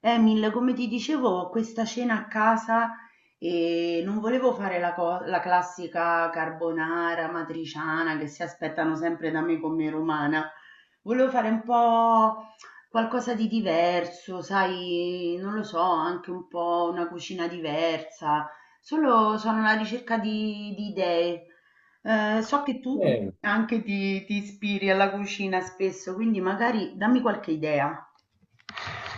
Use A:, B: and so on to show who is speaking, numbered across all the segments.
A: Emil, come ti dicevo, ho questa cena a casa e non volevo fare la classica carbonara matriciana che si aspettano sempre da me come romana. Volevo fare un po' qualcosa di diverso, sai, non lo so, anche un po' una cucina diversa. Solo sono alla ricerca di idee. So che tu
B: Eh,
A: anche ti ispiri alla cucina spesso, quindi magari dammi qualche idea.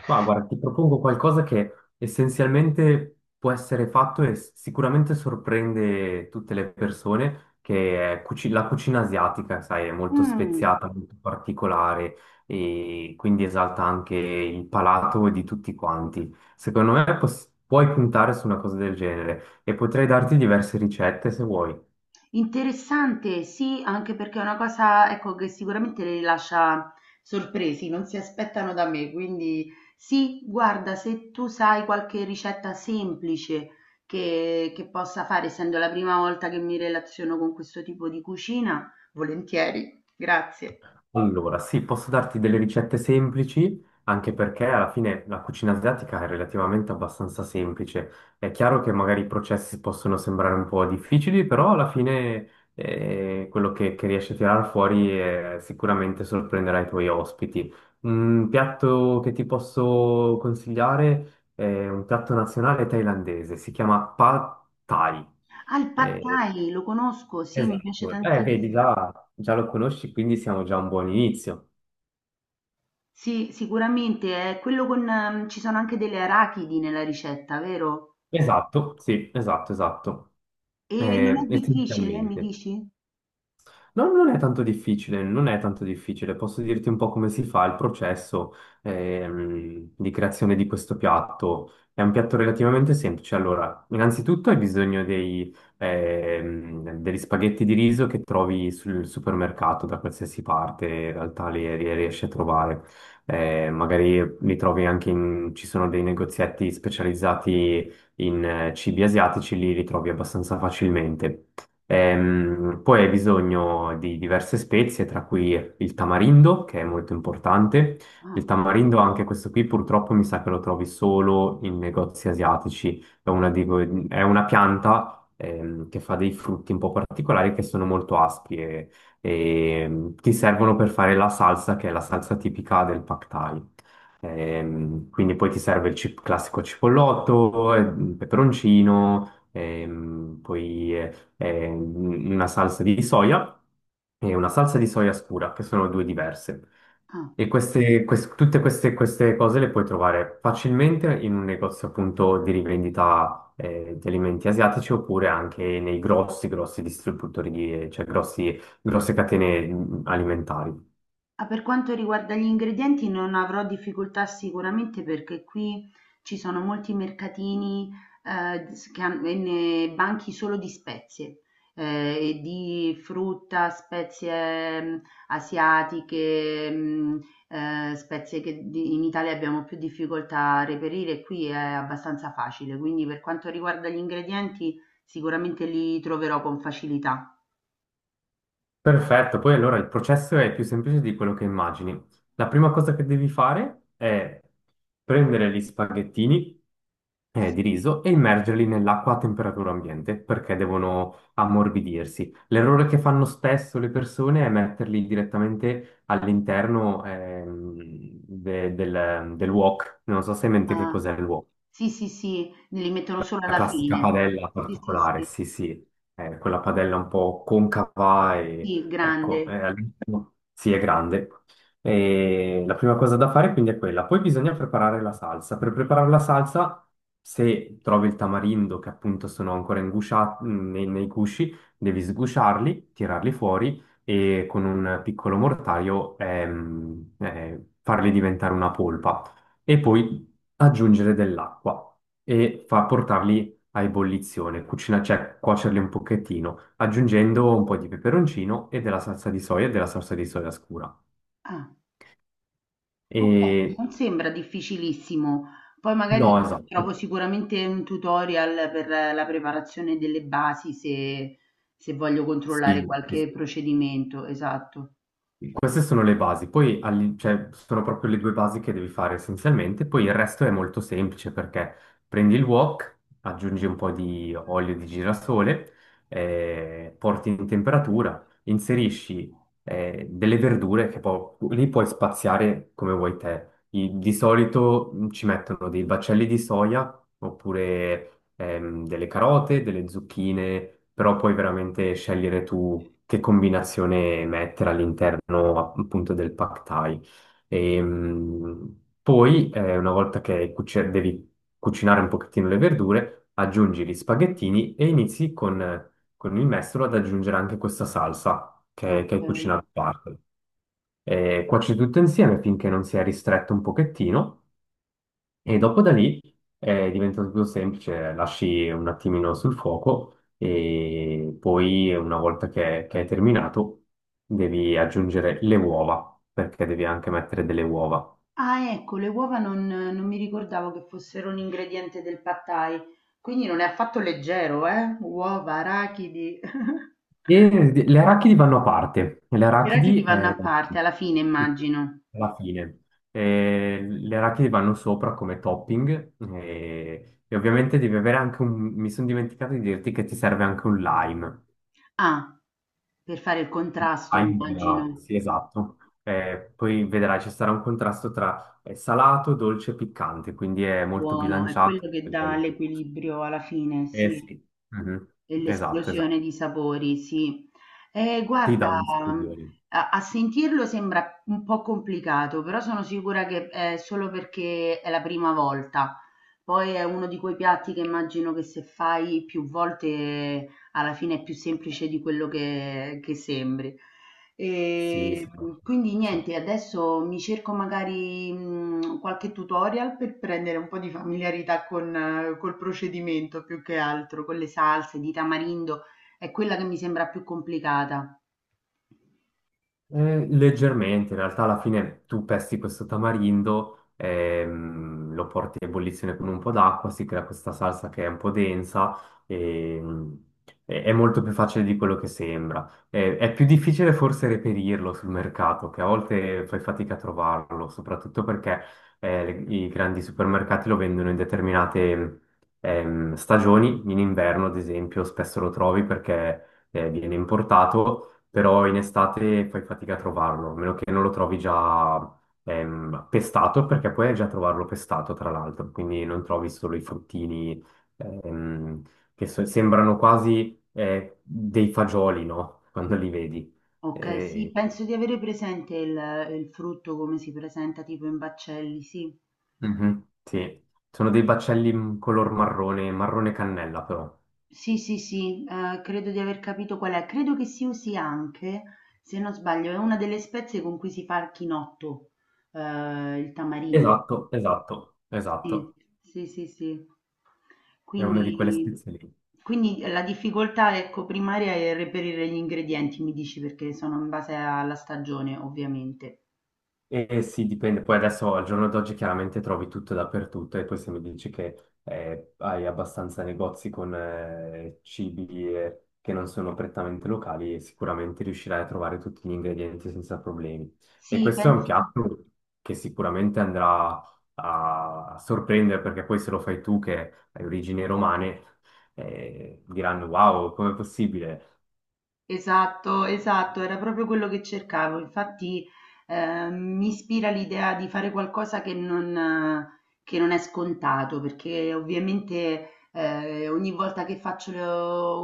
B: ma guarda, ti propongo qualcosa che essenzialmente può essere fatto e sicuramente sorprende tutte le persone, che è la cucina asiatica, sai, è molto
A: Mm.
B: speziata, molto particolare e quindi esalta anche il palato di tutti quanti. Secondo me puoi puntare su una cosa del genere e potrei darti diverse ricette se vuoi.
A: Interessante, sì, anche perché è una cosa, ecco, che sicuramente le lascia sorpresi, non si aspettano da me, quindi sì, guarda, se tu sai qualche ricetta semplice che possa fare, essendo la prima volta che mi relaziono con questo tipo di cucina, volentieri, grazie.
B: Allora, sì, posso darti delle ricette semplici, anche perché alla fine la cucina asiatica è relativamente abbastanza semplice. È chiaro che magari i processi possono sembrare un po' difficili, però alla fine quello che riesci a tirare fuori sicuramente sorprenderà i tuoi ospiti. Un piatto che ti posso consigliare è un piatto nazionale thailandese, si chiama Pad Thai.
A: Ah, il pad
B: Eh,
A: thai, lo conosco, sì, mi piace
B: esatto, vedi,
A: tantissimo.
B: già lo conosci, quindi siamo già a un buon inizio.
A: Sì, sicuramente, è quello con, ci sono anche delle arachidi nella ricetta, vero?
B: Esatto, sì, esatto, esatto,
A: E non è difficile, mi
B: essenzialmente.
A: dici?
B: No, non è tanto difficile, non è tanto difficile. Posso dirti un po' come si fa il processo di creazione di questo piatto. È un piatto relativamente semplice. Allora, innanzitutto hai bisogno degli spaghetti di riso che trovi sul supermercato da qualsiasi parte, in realtà li riesci a trovare. Magari li trovi anche in, ci sono dei negozietti specializzati in cibi asiatici, li ritrovi abbastanza facilmente. Poi hai bisogno di diverse spezie, tra cui il tamarindo, che è molto importante. Il
A: Ah,
B: tamarindo, anche questo qui, purtroppo mi sa che lo trovi solo in negozi asiatici. È una, è una pianta che fa dei frutti un po' particolari che sono molto aspri e ti servono per fare la salsa, che è la salsa tipica del Pad Thai. Quindi poi ti serve il classico cipollotto, peperoncino, poi una salsa di soia e una salsa di soia scura, che sono due diverse.
A: ah.
B: E queste, quest- tutte queste, queste cose le puoi trovare facilmente in un negozio appunto di rivendita di alimenti asiatici oppure anche nei grossi distributori, cioè grosse catene alimentari.
A: Ah, per quanto riguarda gli ingredienti non avrò difficoltà sicuramente perché qui ci sono molti mercatini s- che han- e ne- banchi solo di spezie, e di frutta, spezie mm, asiatiche, mm, in Italia abbiamo più difficoltà a reperire, qui è abbastanza facile, quindi per quanto riguarda gli ingredienti sicuramente li troverò con facilità.
B: Perfetto, poi allora il processo è più semplice di quello che immagini. La prima cosa che devi fare è prendere gli spaghettini di
A: Sì.
B: riso e immergerli nell'acqua a temperatura ambiente perché devono ammorbidirsi. L'errore che fanno spesso le persone è metterli direttamente all'interno del wok. Non so se hai in mente che
A: Ah.
B: cos'è il wok.
A: Sì, sì, sì, li mettono solo
B: La
A: alla
B: classica
A: fine.
B: padella
A: Sì, sì,
B: particolare,
A: sì.
B: sì, sì, è quella padella un po' concava e
A: Sì,
B: ecco,
A: grande.
B: all'interno- sì, è grande. E la prima cosa da fare quindi è quella. Poi bisogna preparare la salsa. Per preparare la salsa, se trovi il tamarindo che appunto sono ancora ingusciati nei gusci, devi sgusciarli, tirarli fuori e con un piccolo mortaio farli diventare una polpa e poi aggiungere dell'acqua e fa portarli a ebollizione, cucina, cioè cuocerli un pochettino, aggiungendo un po' di peperoncino e della salsa di soia e della salsa di soia scura.
A: Ah, okay,
B: E
A: non sembra difficilissimo. Poi magari
B: no, esatto.
A: trovo sicuramente un tutorial per la preparazione delle basi se se voglio controllare
B: Sì,
A: qualche
B: sì,
A: procedimento, esatto.
B: queste sono le basi, poi cioè, sono proprio le due basi che devi fare essenzialmente, poi il resto è molto semplice perché prendi il wok, aggiungi un po' di olio di girasole, porti in temperatura, inserisci delle verdure che poi lì puoi spaziare come vuoi te. Di solito ci mettono dei baccelli di soia oppure delle carote, delle zucchine, però puoi veramente scegliere tu che combinazione mettere all'interno appunto del pad thai. Una volta che devi cucinare un pochettino le verdure, aggiungi gli spaghettini e inizi con il mestolo ad aggiungere anche questa salsa che hai
A: Okay.
B: cucinato a parte. Cuoci tutto insieme finché non sia ristretto un pochettino. E dopo da lì diventa un po' più semplice, lasci un attimino sul fuoco e poi una volta che è terminato devi aggiungere le uova, perché devi anche mettere delle uova.
A: Ah, ecco, le uova non mi ricordavo che fossero un ingrediente del pad thai, quindi non è affatto leggero, uova, arachidi.
B: E le arachidi vanno a parte, le
A: Però chi
B: arachidi
A: divanna a parte alla fine immagino.
B: alla fine. Le arachidi vanno sopra come topping e ovviamente devi avere anche un... mi sono dimenticato di dirti che ti serve anche un lime.
A: Ah, per fare il contrasto
B: Time,
A: immagino.
B: sì, esatto. Poi vedrai, ci sarà un contrasto tra salato, dolce e piccante, quindi è molto
A: Buono, è
B: bilanciato
A: quello che
B: a livello
A: dà
B: di gusto.
A: l'equilibrio alla fine,
B: Eh
A: sì,
B: sì. Mhm.
A: e
B: Esatto,
A: l'esplosione
B: esatto.
A: di sapori, sì.
B: Ti
A: Guarda,
B: dà un
A: mm,
B: scusione.
A: a, a sentirlo sembra un po' complicato, però sono sicura che è solo perché è la prima volta. Poi è uno di quei piatti che immagino che se fai più volte alla fine è più semplice di quello che sembri.
B: Sì, sì,
A: E
B: sì,
A: quindi
B: sì, certo.
A: niente, adesso mi cerco magari qualche tutorial per prendere un po' di familiarità con, col procedimento più che altro, con le salse di tamarindo, è quella che mi sembra più complicata.
B: Leggermente, in realtà alla fine tu pesti questo tamarindo, lo porti a ebollizione con un po' d'acqua, si crea questa salsa che è un po' densa ehm, e è molto più facile di quello che sembra. È più difficile forse reperirlo sul mercato, che a volte fai fatica a trovarlo, soprattutto perché i grandi supermercati lo vendono in determinate stagioni, in inverno ad esempio spesso lo trovi perché viene importato però in estate fai fatica a trovarlo, a meno che non lo trovi già pestato, perché puoi già trovarlo pestato, tra l'altro, quindi non trovi solo i fruttini ehm, sembrano quasi dei fagioli, no? Quando li vedi.
A: Ok, sì,
B: Eh,
A: penso di avere presente il frutto come si presenta tipo in baccelli, sì.
B: mhm, sì, sono dei baccelli in color marrone, marrone cannella però.
A: Sì, sì, sì, credo di aver capito qual è. Credo che si usi anche, se non sbaglio, è una delle spezie con cui si fa il chinotto, il tamarindo.
B: Esatto, esatto,
A: Sì,
B: esatto.
A: sì, sì, sì.
B: È una di quelle
A: Quindi,
B: spezie lì.
A: quindi la difficoltà, ecco, primaria è reperire gli ingredienti, mi dici, perché sono in base alla stagione, ovviamente.
B: Eh sì, dipende. Poi adesso al giorno d'oggi chiaramente trovi tutto dappertutto e poi se mi dici che hai abbastanza negozi con cibi che non sono prettamente locali, sicuramente riuscirai a trovare tutti gli ingredienti senza problemi. E
A: Sì,
B: questo è un
A: penso.
B: piatto che sicuramente andrà a sorprendere perché poi se lo fai tu che hai origini romane, diranno wow, com'è possibile?
A: Esatto, esatto, era proprio quello che cercavo. Infatti, mi ispira l'idea di fare qualcosa che non è scontato, perché ovviamente ogni volta che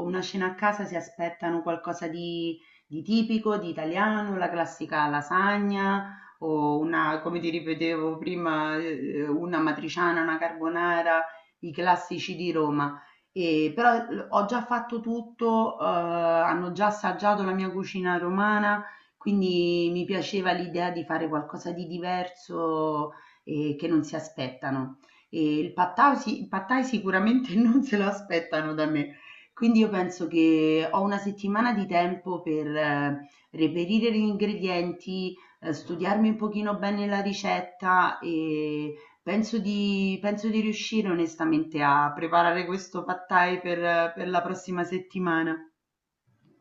A: una cena a casa si aspettano qualcosa di tipico, di italiano, la classica lasagna o una, come ti ripetevo prima, una matriciana, una carbonara, i classici di Roma. Però l ho già fatto tutto, hanno già assaggiato la mia cucina romana, quindi mi piaceva l'idea di fare qualcosa di diverso e che non si aspettano. E il pad thai sicuramente non se lo aspettano da me. Quindi io penso che ho una settimana di tempo per reperire gli ingredienti, studiarmi un pochino bene la ricetta e penso di riuscire onestamente a preparare questo pad thai per la prossima settimana.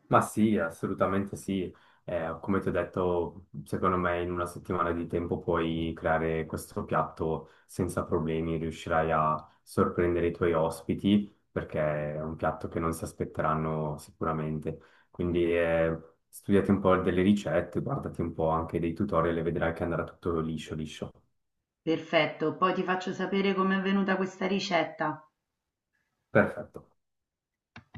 B: Ma sì, assolutamente sì. Come ti ho detto, secondo me in una settimana di tempo puoi creare questo piatto senza problemi, riuscirai a sorprendere i tuoi ospiti perché è un piatto che non si aspetteranno sicuramente. Quindi studiati un po' delle ricette, guardati un po' anche dei tutorial e vedrai che andrà tutto liscio, liscio.
A: Perfetto, poi ti faccio sapere com'è venuta questa ricetta.
B: Perfetto.